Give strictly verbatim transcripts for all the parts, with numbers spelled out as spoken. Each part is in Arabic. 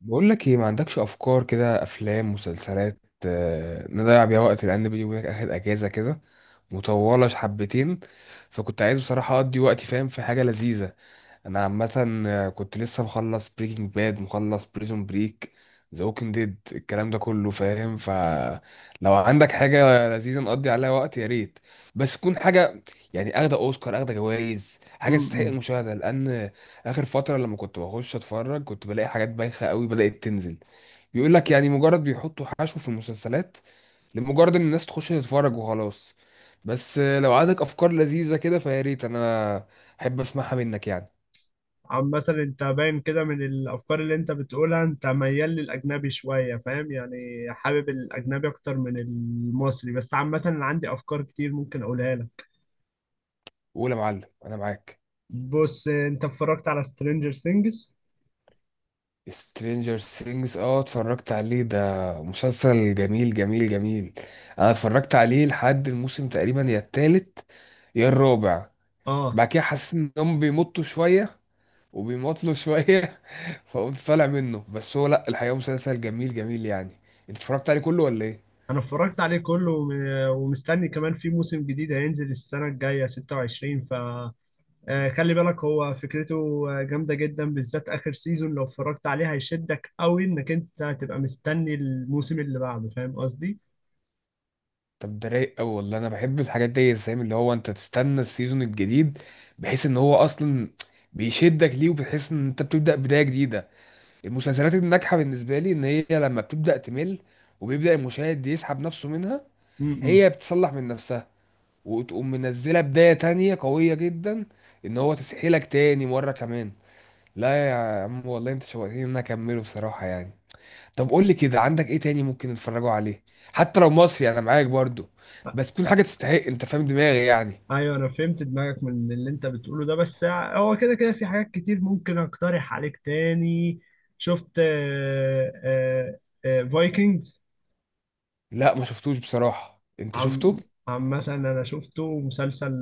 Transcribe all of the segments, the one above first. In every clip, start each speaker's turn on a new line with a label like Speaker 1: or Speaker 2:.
Speaker 1: بقول لك ايه، ما عندكش افكار كده؟ افلام، مسلسلات. آه، نضيع بيها وقت، لان بيني وبينك اخد اجازه كده مطوله حبتين. فكنت عايز بصراحه اقضي وقتي، فاهم، في حاجه لذيذه. انا عامه آه، كنت لسه مخلص بريكنج باد، مخلص بريزون بريك، ذا ووكينج ديد، الكلام ده كله فاهم. فلو عندك حاجه لذيذه نقضي عليها وقت، يا ريت. بس تكون حاجه يعني اخده اوسكار، اخده جوائز، حاجه تستحق
Speaker 2: امم
Speaker 1: المشاهده، لان اخر فتره لما كنت بخش اتفرج كنت بلاقي حاجات بايخه قوي بدات تنزل، بيقول لك، يعني مجرد بيحطوا حشو في المسلسلات لمجرد ان الناس تخش تتفرج وخلاص. بس آه، لو عندك افكار لذيذه كده، فيا ريت انا احب اسمعها منك يعني.
Speaker 2: عم مثلا انت باين كده من الافكار اللي انت بتقولها، انت ميال للاجنبي شويه، فاهم يعني. حابب الاجنبي اكتر من المصري، بس عامه انا عندي افكار كتير ممكن اقولها لك.
Speaker 1: قول يا معلم، انا معاك.
Speaker 2: بص، انت اتفرجت على سترينجر ثينجز؟
Speaker 1: سترينجر سينجز، اه اتفرجت عليه، ده مسلسل جميل جميل جميل. انا اتفرجت عليه لحد الموسم تقريبا يا التالت يا الرابع.
Speaker 2: اه،
Speaker 1: بعد كده حسيت انهم بيمطوا شويه وبيمطله شوية فقمت طالع منه، بس هو لأ، الحقيقة مسلسل جميل جميل يعني. انت اتفرجت عليه كله ولا ايه؟
Speaker 2: انا اتفرجت عليه كله وم- ومستني كمان في موسم جديد هينزل السنه الجايه ستة وعشرين. ف آه، خلي بالك هو فكرته آه، جامده جدا، بالذات اخر سيزون لو اتفرجت عليه هيشدك قوي انك انت هتبقى مستني الموسم اللي بعده، فاهم قصدي.
Speaker 1: طب ده رايق أوي والله، أنا بحب الحاجات دي فاهم، اللي هو انت تستنى السيزون الجديد، بحيث ان هو أصلا بيشدك ليه، وبتحس ان انت بتبدأ بداية جديدة. المسلسلات الناجحة بالنسبة لي ان هي لما بتبدأ تمل وبيبدأ المشاهد يسحب نفسه منها،
Speaker 2: م- م.
Speaker 1: هي بتصلح من نفسها وتقوم منزلة بداية تانية قوية جدا، ان هو تسحيلك تاني مرة كمان. لا يا عم والله انت شوقتني ان انا اكمله بصراحه يعني. طب قول لي كده، عندك ايه تاني ممكن نتفرجوا عليه، حتى لو مصري انا معاك برضو، بس تكون حاجه تستحق، انت فاهم دماغي يعني.
Speaker 2: ايوه انا فهمت دماغك من اللي انت بتقوله ده، بس هو كده كده في حاجات كتير ممكن اقترح عليك تاني. شفت فايكنجز؟
Speaker 1: لا، ما شفتوش بصراحه، انت شفته؟
Speaker 2: عم عم مثلا انا شفته مسلسل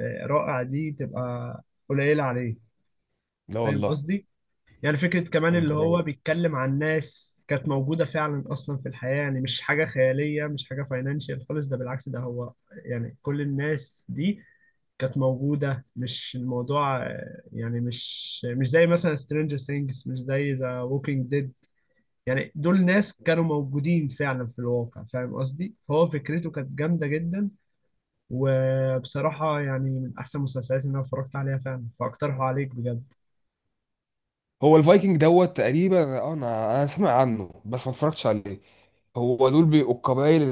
Speaker 2: آه، رائع. دي تبقى قليلة عليه،
Speaker 1: لا
Speaker 2: فاهم
Speaker 1: والله.
Speaker 2: قصدي. يعني فكرة كمان
Speaker 1: طب
Speaker 2: اللي
Speaker 1: ده
Speaker 2: هو
Speaker 1: رايق.
Speaker 2: بيتكلم عن ناس كانت موجودة فعلا أصلا في الحياة، يعني مش حاجة خيالية، مش حاجة فاينانشال خالص، ده بالعكس، ده هو يعني كل الناس دي كانت موجودة. مش الموضوع آه، يعني مش مش زي مثلا سترينجر ثينجز، مش زي ذا ووكينج ديد. يعني دول ناس كانوا موجودين فعلا في الواقع، فاهم قصدي. فهو فكرته كانت جامدة جدا، وبصراحة يعني من أحسن المسلسلات اللي أنا اتفرجت عليها فعلا، فأقترحه عليك بجد.
Speaker 1: هو الفايكنج دوت تقريبا، اه انا انا سامع عنه بس ما اتفرجتش عليه. هو دول بيبقوا القبائل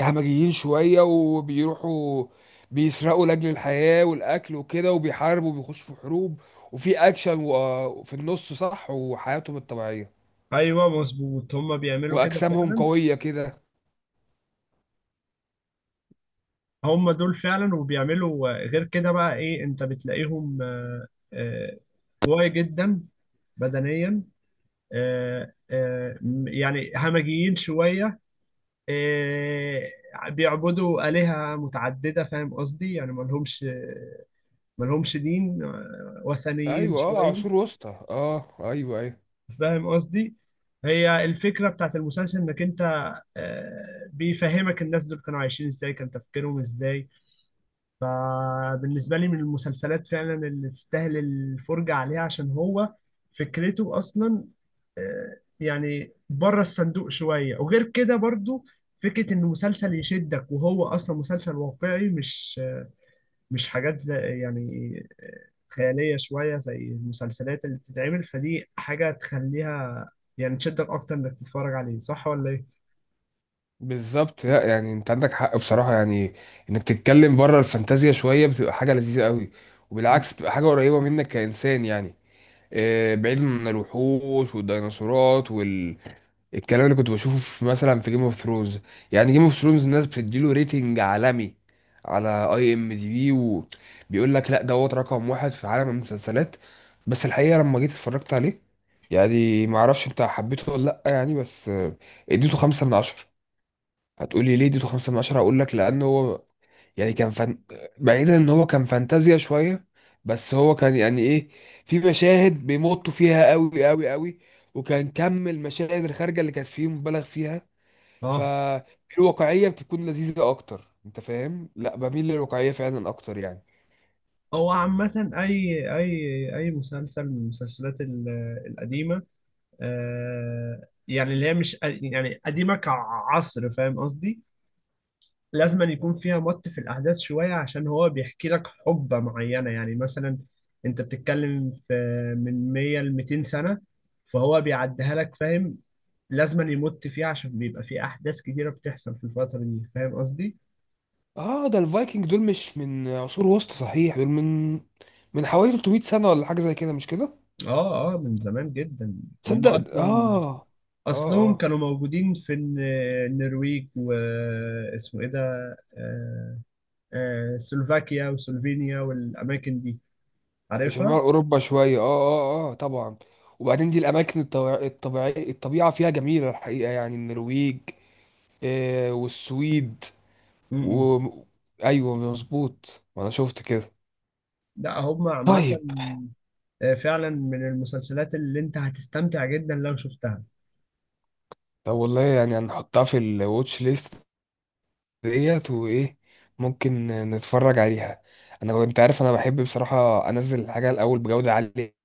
Speaker 1: الهمجيين شوية، وبيروحوا بيسرقوا لأجل الحياة والأكل وكده، وبيحاربوا وبيخشوا في حروب وفي أكشن، و- في النص صح، وحياتهم الطبيعية
Speaker 2: أيوه مظبوط، هما بيعملوا كده
Speaker 1: وأجسامهم
Speaker 2: فعلا.
Speaker 1: قوية كده.
Speaker 2: هما دول فعلا، وبيعملوا آه، غير كده بقى إيه أنت بتلاقيهم آه، قوي جدا بدنيا، آه، آه، م- يعني همجيين شوية، آه، بيعبدوا آلهة متعددة، فاهم قصدي، يعني ملهمش ملهمش دين، آه، وثنيين
Speaker 1: أيوة، أه
Speaker 2: شوية.
Speaker 1: عصور وسطى، أه أيوة أيوة.
Speaker 2: فاهم قصدي، هي الفكرة بتاعت المسلسل إنك أنت آه، بيفهمك الناس دول كانوا عايشين إزاي، كان تفكيرهم إزاي. فبالنسبة لي من المسلسلات فعلا اللي تستاهل الفرجة عليها، عشان هو فكرته أصلا آه، يعني بره الصندوق شوية. وغير كده برضو فكرة إن مسلسل يشدك وهو أصلا مسلسل واقعي، مش مش حاجات زي، يعني آه، خيالية شوية زي المسلسلات اللي بتتعمل، فدي حاجة تخليها يعني تشدك أكتر إنك تتفرج عليه، صح ولا إيه؟
Speaker 1: بالظبط، لا يعني أنت عندك حق بصراحة يعني، إنك تتكلم بره الفانتازيا شوية بتبقى حاجة لذيذة قوي،
Speaker 2: مم.
Speaker 1: وبالعكس بتبقى حاجة قريبة منك كإنسان يعني. آه، بعيد من الوحوش والديناصورات، الكلام اللي كنت بشوفه في مثلا في جيم اوف ثرونز. يعني جيم اوف ثرونز الناس بتديله ريتنج عالمي على اي ام دي بي، وبيقول لك لا دوت رقم واحد في عالم المسلسلات. بس الحقيقه لما جيت اتفرجت عليه يعني، ما اعرفش انت حبيته ولا لا يعني، بس آه، اديته خمسة من عشرة. هتقولي ليه اديته خمسة من عشرة؟ هقول لك لانه هو يعني كان فن... بعيدا ان هو كان فانتازيا شويه، بس هو كان يعني ايه، في مشاهد بيمطوا فيها قوي قوي قوي، وكان كم المشاهد الخارجه اللي كانت فيه مبالغ فيها.
Speaker 2: اه
Speaker 1: فالواقعيه بتكون لذيذه اكتر، انت فاهم، لا بميل للواقعيه فعلا اكتر يعني.
Speaker 2: هو عامة، أي أي أي مسلسل من المسلسلات ال- القديمة، آه، يعني اللي هي مش يعني قديمة كعصر، فاهم قصدي، لازم أن يكون فيها مط في الأحداث شوية، عشان هو بيحكي لك حقبة معينة. يعني مثلا أنت بتتكلم في من مائة ل 200 سنة، فهو بيعديها لك، فاهم. لازم أن يمط فيها عشان بيبقى في أحداث كتيرة بتحصل في الفترة دي، فاهم قصدي؟
Speaker 1: اه ده الفايكنج دول مش من عصور وسطى صحيح، دول من من حوالي 300 سنه ولا حاجه زي كده، مش كده؟
Speaker 2: آه آه من زمان جدا. هم
Speaker 1: تصدق
Speaker 2: أصلا
Speaker 1: اه اه
Speaker 2: أصلهم
Speaker 1: اه.
Speaker 2: كانوا موجودين في الن- النرويج، واسمه إيه ده آه، آه، سلوفاكيا وسلوفينيا والأماكن دي،
Speaker 1: في شمال
Speaker 2: عارفها؟
Speaker 1: اوروبا شويه، اه اه اه طبعا. وبعدين دي الاماكن الطبيع- الطبيعيه، الطبيعه فيها جميله الحقيقه يعني، النرويج آه والسويد
Speaker 2: امم.
Speaker 1: و... ايوه مظبوط، ما انا شفت كده.
Speaker 2: لا هم عامة
Speaker 1: طيب.
Speaker 2: آه، فعلا من المسلسلات اللي أنت هتستمتع جدا لو شفتها.
Speaker 1: طب والله يعني هنحطها في الواتش ليست ديت، وايه، ممكن نتفرج عليها. انا انت عارف انا بحب بصراحه انزل الحاجه الاول بجوده عاليه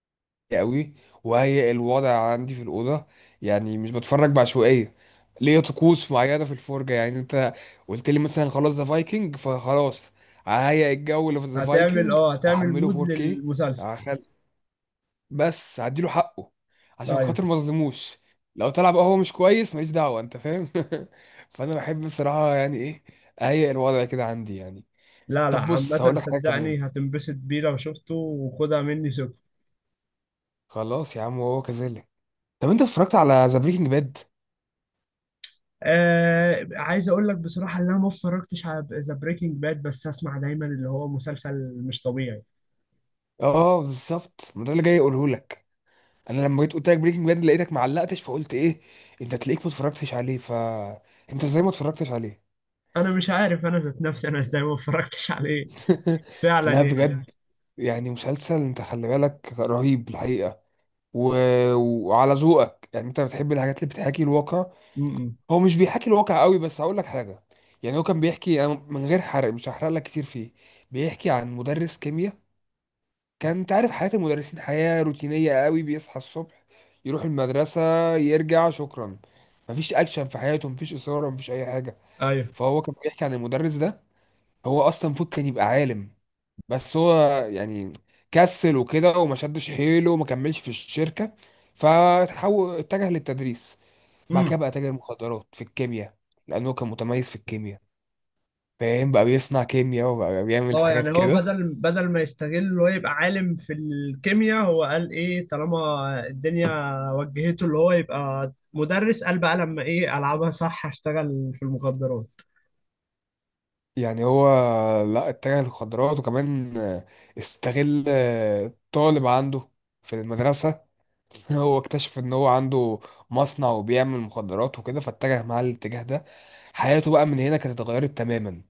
Speaker 1: قوي، وهي الوضع عندي في الأوضة، يعني مش بتفرج بعشوائية، ليا طقوس معينة في الفرجة. يعني انت قلت لي مثلا خلاص ذا فايكنج، فخلاص ههيئ الجو اللي في ذا
Speaker 2: هتعمل
Speaker 1: فايكنج،
Speaker 2: اه، هتعمل
Speaker 1: احمله
Speaker 2: مود
Speaker 1: فور كيه،
Speaker 2: للمسلسل.
Speaker 1: هخل- بس هديله حقه عشان
Speaker 2: أيوه.
Speaker 1: خاطر ما اظلموش. لو طلع بقى هو مش كويس ماليش دعوة، انت فاهم فانا بحب بصراحة يعني ايه، اهيئ الوضع كده عندي يعني.
Speaker 2: لا لا،
Speaker 1: طب بص
Speaker 2: عامة
Speaker 1: هقول لك حاجة كمان،
Speaker 2: صدقني هتنبسط بيه لو شفته، وخدها مني سكر.
Speaker 1: خلاص يا عم وهو كذلك. طب انت اتفرجت على ذا بريكنج باد؟
Speaker 2: آه عايز أقول لك بصراحة إن أنا ما اتفرجتش على ذا بريكنج باد، بس أسمع دايما اللي هو مسلسل مش طبيعي.
Speaker 1: اه بالظبط، ما ده اللي جاي اقوله لك. انا لما جيت قلت لك بريكنج باد لقيتك معلقتش، فقلت ايه انت، تلاقيك ما اتفرجتش عليه، ف انت ازاي ما اتفرجتش عليه؟
Speaker 2: أنا مش عارف أنا ذات نفسي أنا إزاي ما اتفرجتش عليه، فعلا
Speaker 1: لا
Speaker 2: يعني.
Speaker 1: بجد، يعني مسلسل انت خلي بالك رهيب الحقيقه، و... وعلى ذوقك يعني، انت بتحب الحاجات اللي بتحاكي الواقع.
Speaker 2: م -م.
Speaker 1: هو مش بيحاكي الواقع قوي، بس هقول لك حاجه. يعني هو كان بيحكي، أنا من غير حرق مش هحرق لك كتير فيه، بيحكي عن مدرس كيمياء. كان انت عارف حياة المدرسين حياة روتينية قوي، بيصحى الصبح يروح المدرسة يرجع، شكرا، مفيش اكشن في حياته، مفيش اثارة، مفيش اي حاجة.
Speaker 2: أيوه.
Speaker 1: فهو كان بيحكي عن المدرس ده، هو اصلا المفروض كان يبقى عالم، بس هو يعني كسل وكده وما شدش حيله وما كملش في الشركة، فتحول اتجه للتدريس. بعد كده
Speaker 2: امم.
Speaker 1: بقى تاجر مخدرات في الكيمياء، لانه كان متميز في الكيمياء فاهم، بقى بيصنع كيمياء وبقى بيعمل
Speaker 2: اه
Speaker 1: حاجات
Speaker 2: يعني هو
Speaker 1: كده.
Speaker 2: بدل بدل ما يستغل اللي هو يبقى عالم في الكيمياء، هو قال ايه، طالما الدنيا وجهته اللي هو يبقى مدرس، قال بقى لما ايه، العبها صح، هشتغل في المخدرات.
Speaker 1: يعني هو، لا، اتجه للمخدرات، وكمان آه، استغل آه، طالب عنده في المدرسة هو اكتشف ان هو عنده مصنع وبيعمل مخدرات وكده، فاتجه معاه الاتجاه ده. حياته بقى من هنا كانت اتغيرت تماما.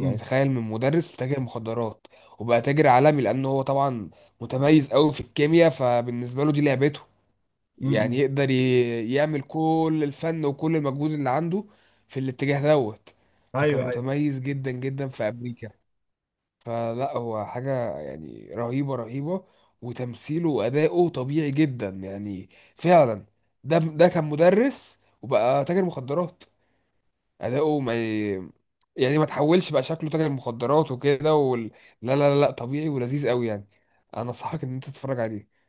Speaker 1: يعني تخيل، من مدرس تاجر مخدرات، وبقى تاجر عالمي، لانه هو طبعا متميز قوي في الكيمياء، فبالنسبة له دي لعبته، يعني
Speaker 2: امم.
Speaker 1: يقدر ي- يعمل كل الفن وكل المجهود اللي عنده في الاتجاه دوت. فكان
Speaker 2: ايوه ايوه.
Speaker 1: متميز جدا جدا في أمريكا، فلا هو حاجة يعني رهيبة رهيبة، وتمثيله وأداؤه طبيعي جدا يعني، فعلا ده ده كان مدرس وبقى تاجر مخدرات، أداؤه ما ي- يعني ما تحولش بقى شكله تاجر مخدرات وكده وال... لا لا لا لا، طبيعي ولذيذ قوي يعني. انا انصحك ان انت تتفرج عليه،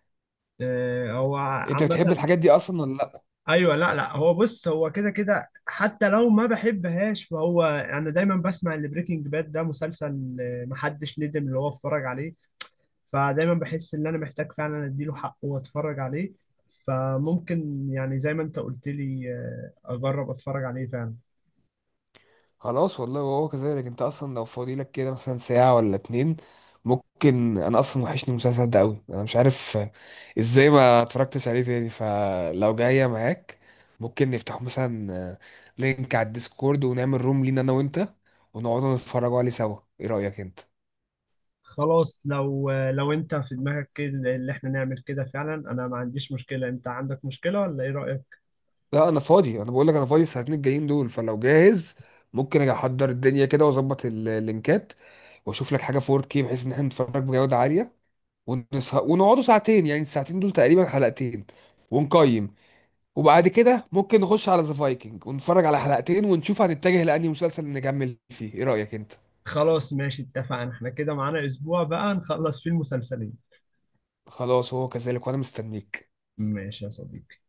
Speaker 2: آه هو
Speaker 1: انت بتحب
Speaker 2: عامة،
Speaker 1: الحاجات دي اصلا ولا لا؟
Speaker 2: ايوه لا لا، هو بص، هو كده كده حتى لو ما بحبهاش، فهو انا دايما بسمع ان بريكنج باد ده مسلسل آه، محدش ندم اللي هو اتفرج عليه، فدايما بحس ان انا محتاج فعلا اديله حقه واتفرج عليه. فممكن يعني زي ما انت قلت لي آه، اجرب اتفرج عليه فعلا.
Speaker 1: خلاص والله وهو كذلك. انت اصلا لو فاضي لك كده مثلا ساعة ولا اتنين، ممكن، انا اصلا وحشني المسلسل ده قوي، انا مش عارف ازاي ما اتفرجتش عليه تاني. فلو جاية معاك، ممكن نفتح مثلا لينك على الديسكورد، ونعمل روم لينا انا وانت، ونقعد نتفرجوا عليه سوا، ايه رأيك انت؟
Speaker 2: خلاص، لو آه، لو انت في دماغك كده اللي احنا نعمل كده فعلا، انا ما عنديش مشكلة، انت عندك مشكلة ولا ايه رأيك؟
Speaker 1: لا انا فاضي، انا بقول لك انا فاضي الساعتين الجايين دول، فلو جاهز ممكن اجي احضر الدنيا كده، واظبط ال- اللينكات، واشوف لك حاجة فور كيه بحيث ان احنا نتفرج بجودة عالية، ونس- ونقعدوا ساعتين، يعني الساعتين دول تقريبا حلقتين ونقيم. وبعد كده ممكن نخش على ذا فايكنج ونتفرج على حلقتين، ونشوف هنتجه لأنهي مسلسل نكمل فيه، ايه رأيك انت؟
Speaker 2: خلاص ماشي، اتفقنا، احنا كده معانا اسبوع بقى نخلص فيه المسلسلين.
Speaker 1: خلاص هو كذلك، وانا مستنيك.
Speaker 2: ماشي يا صديقي.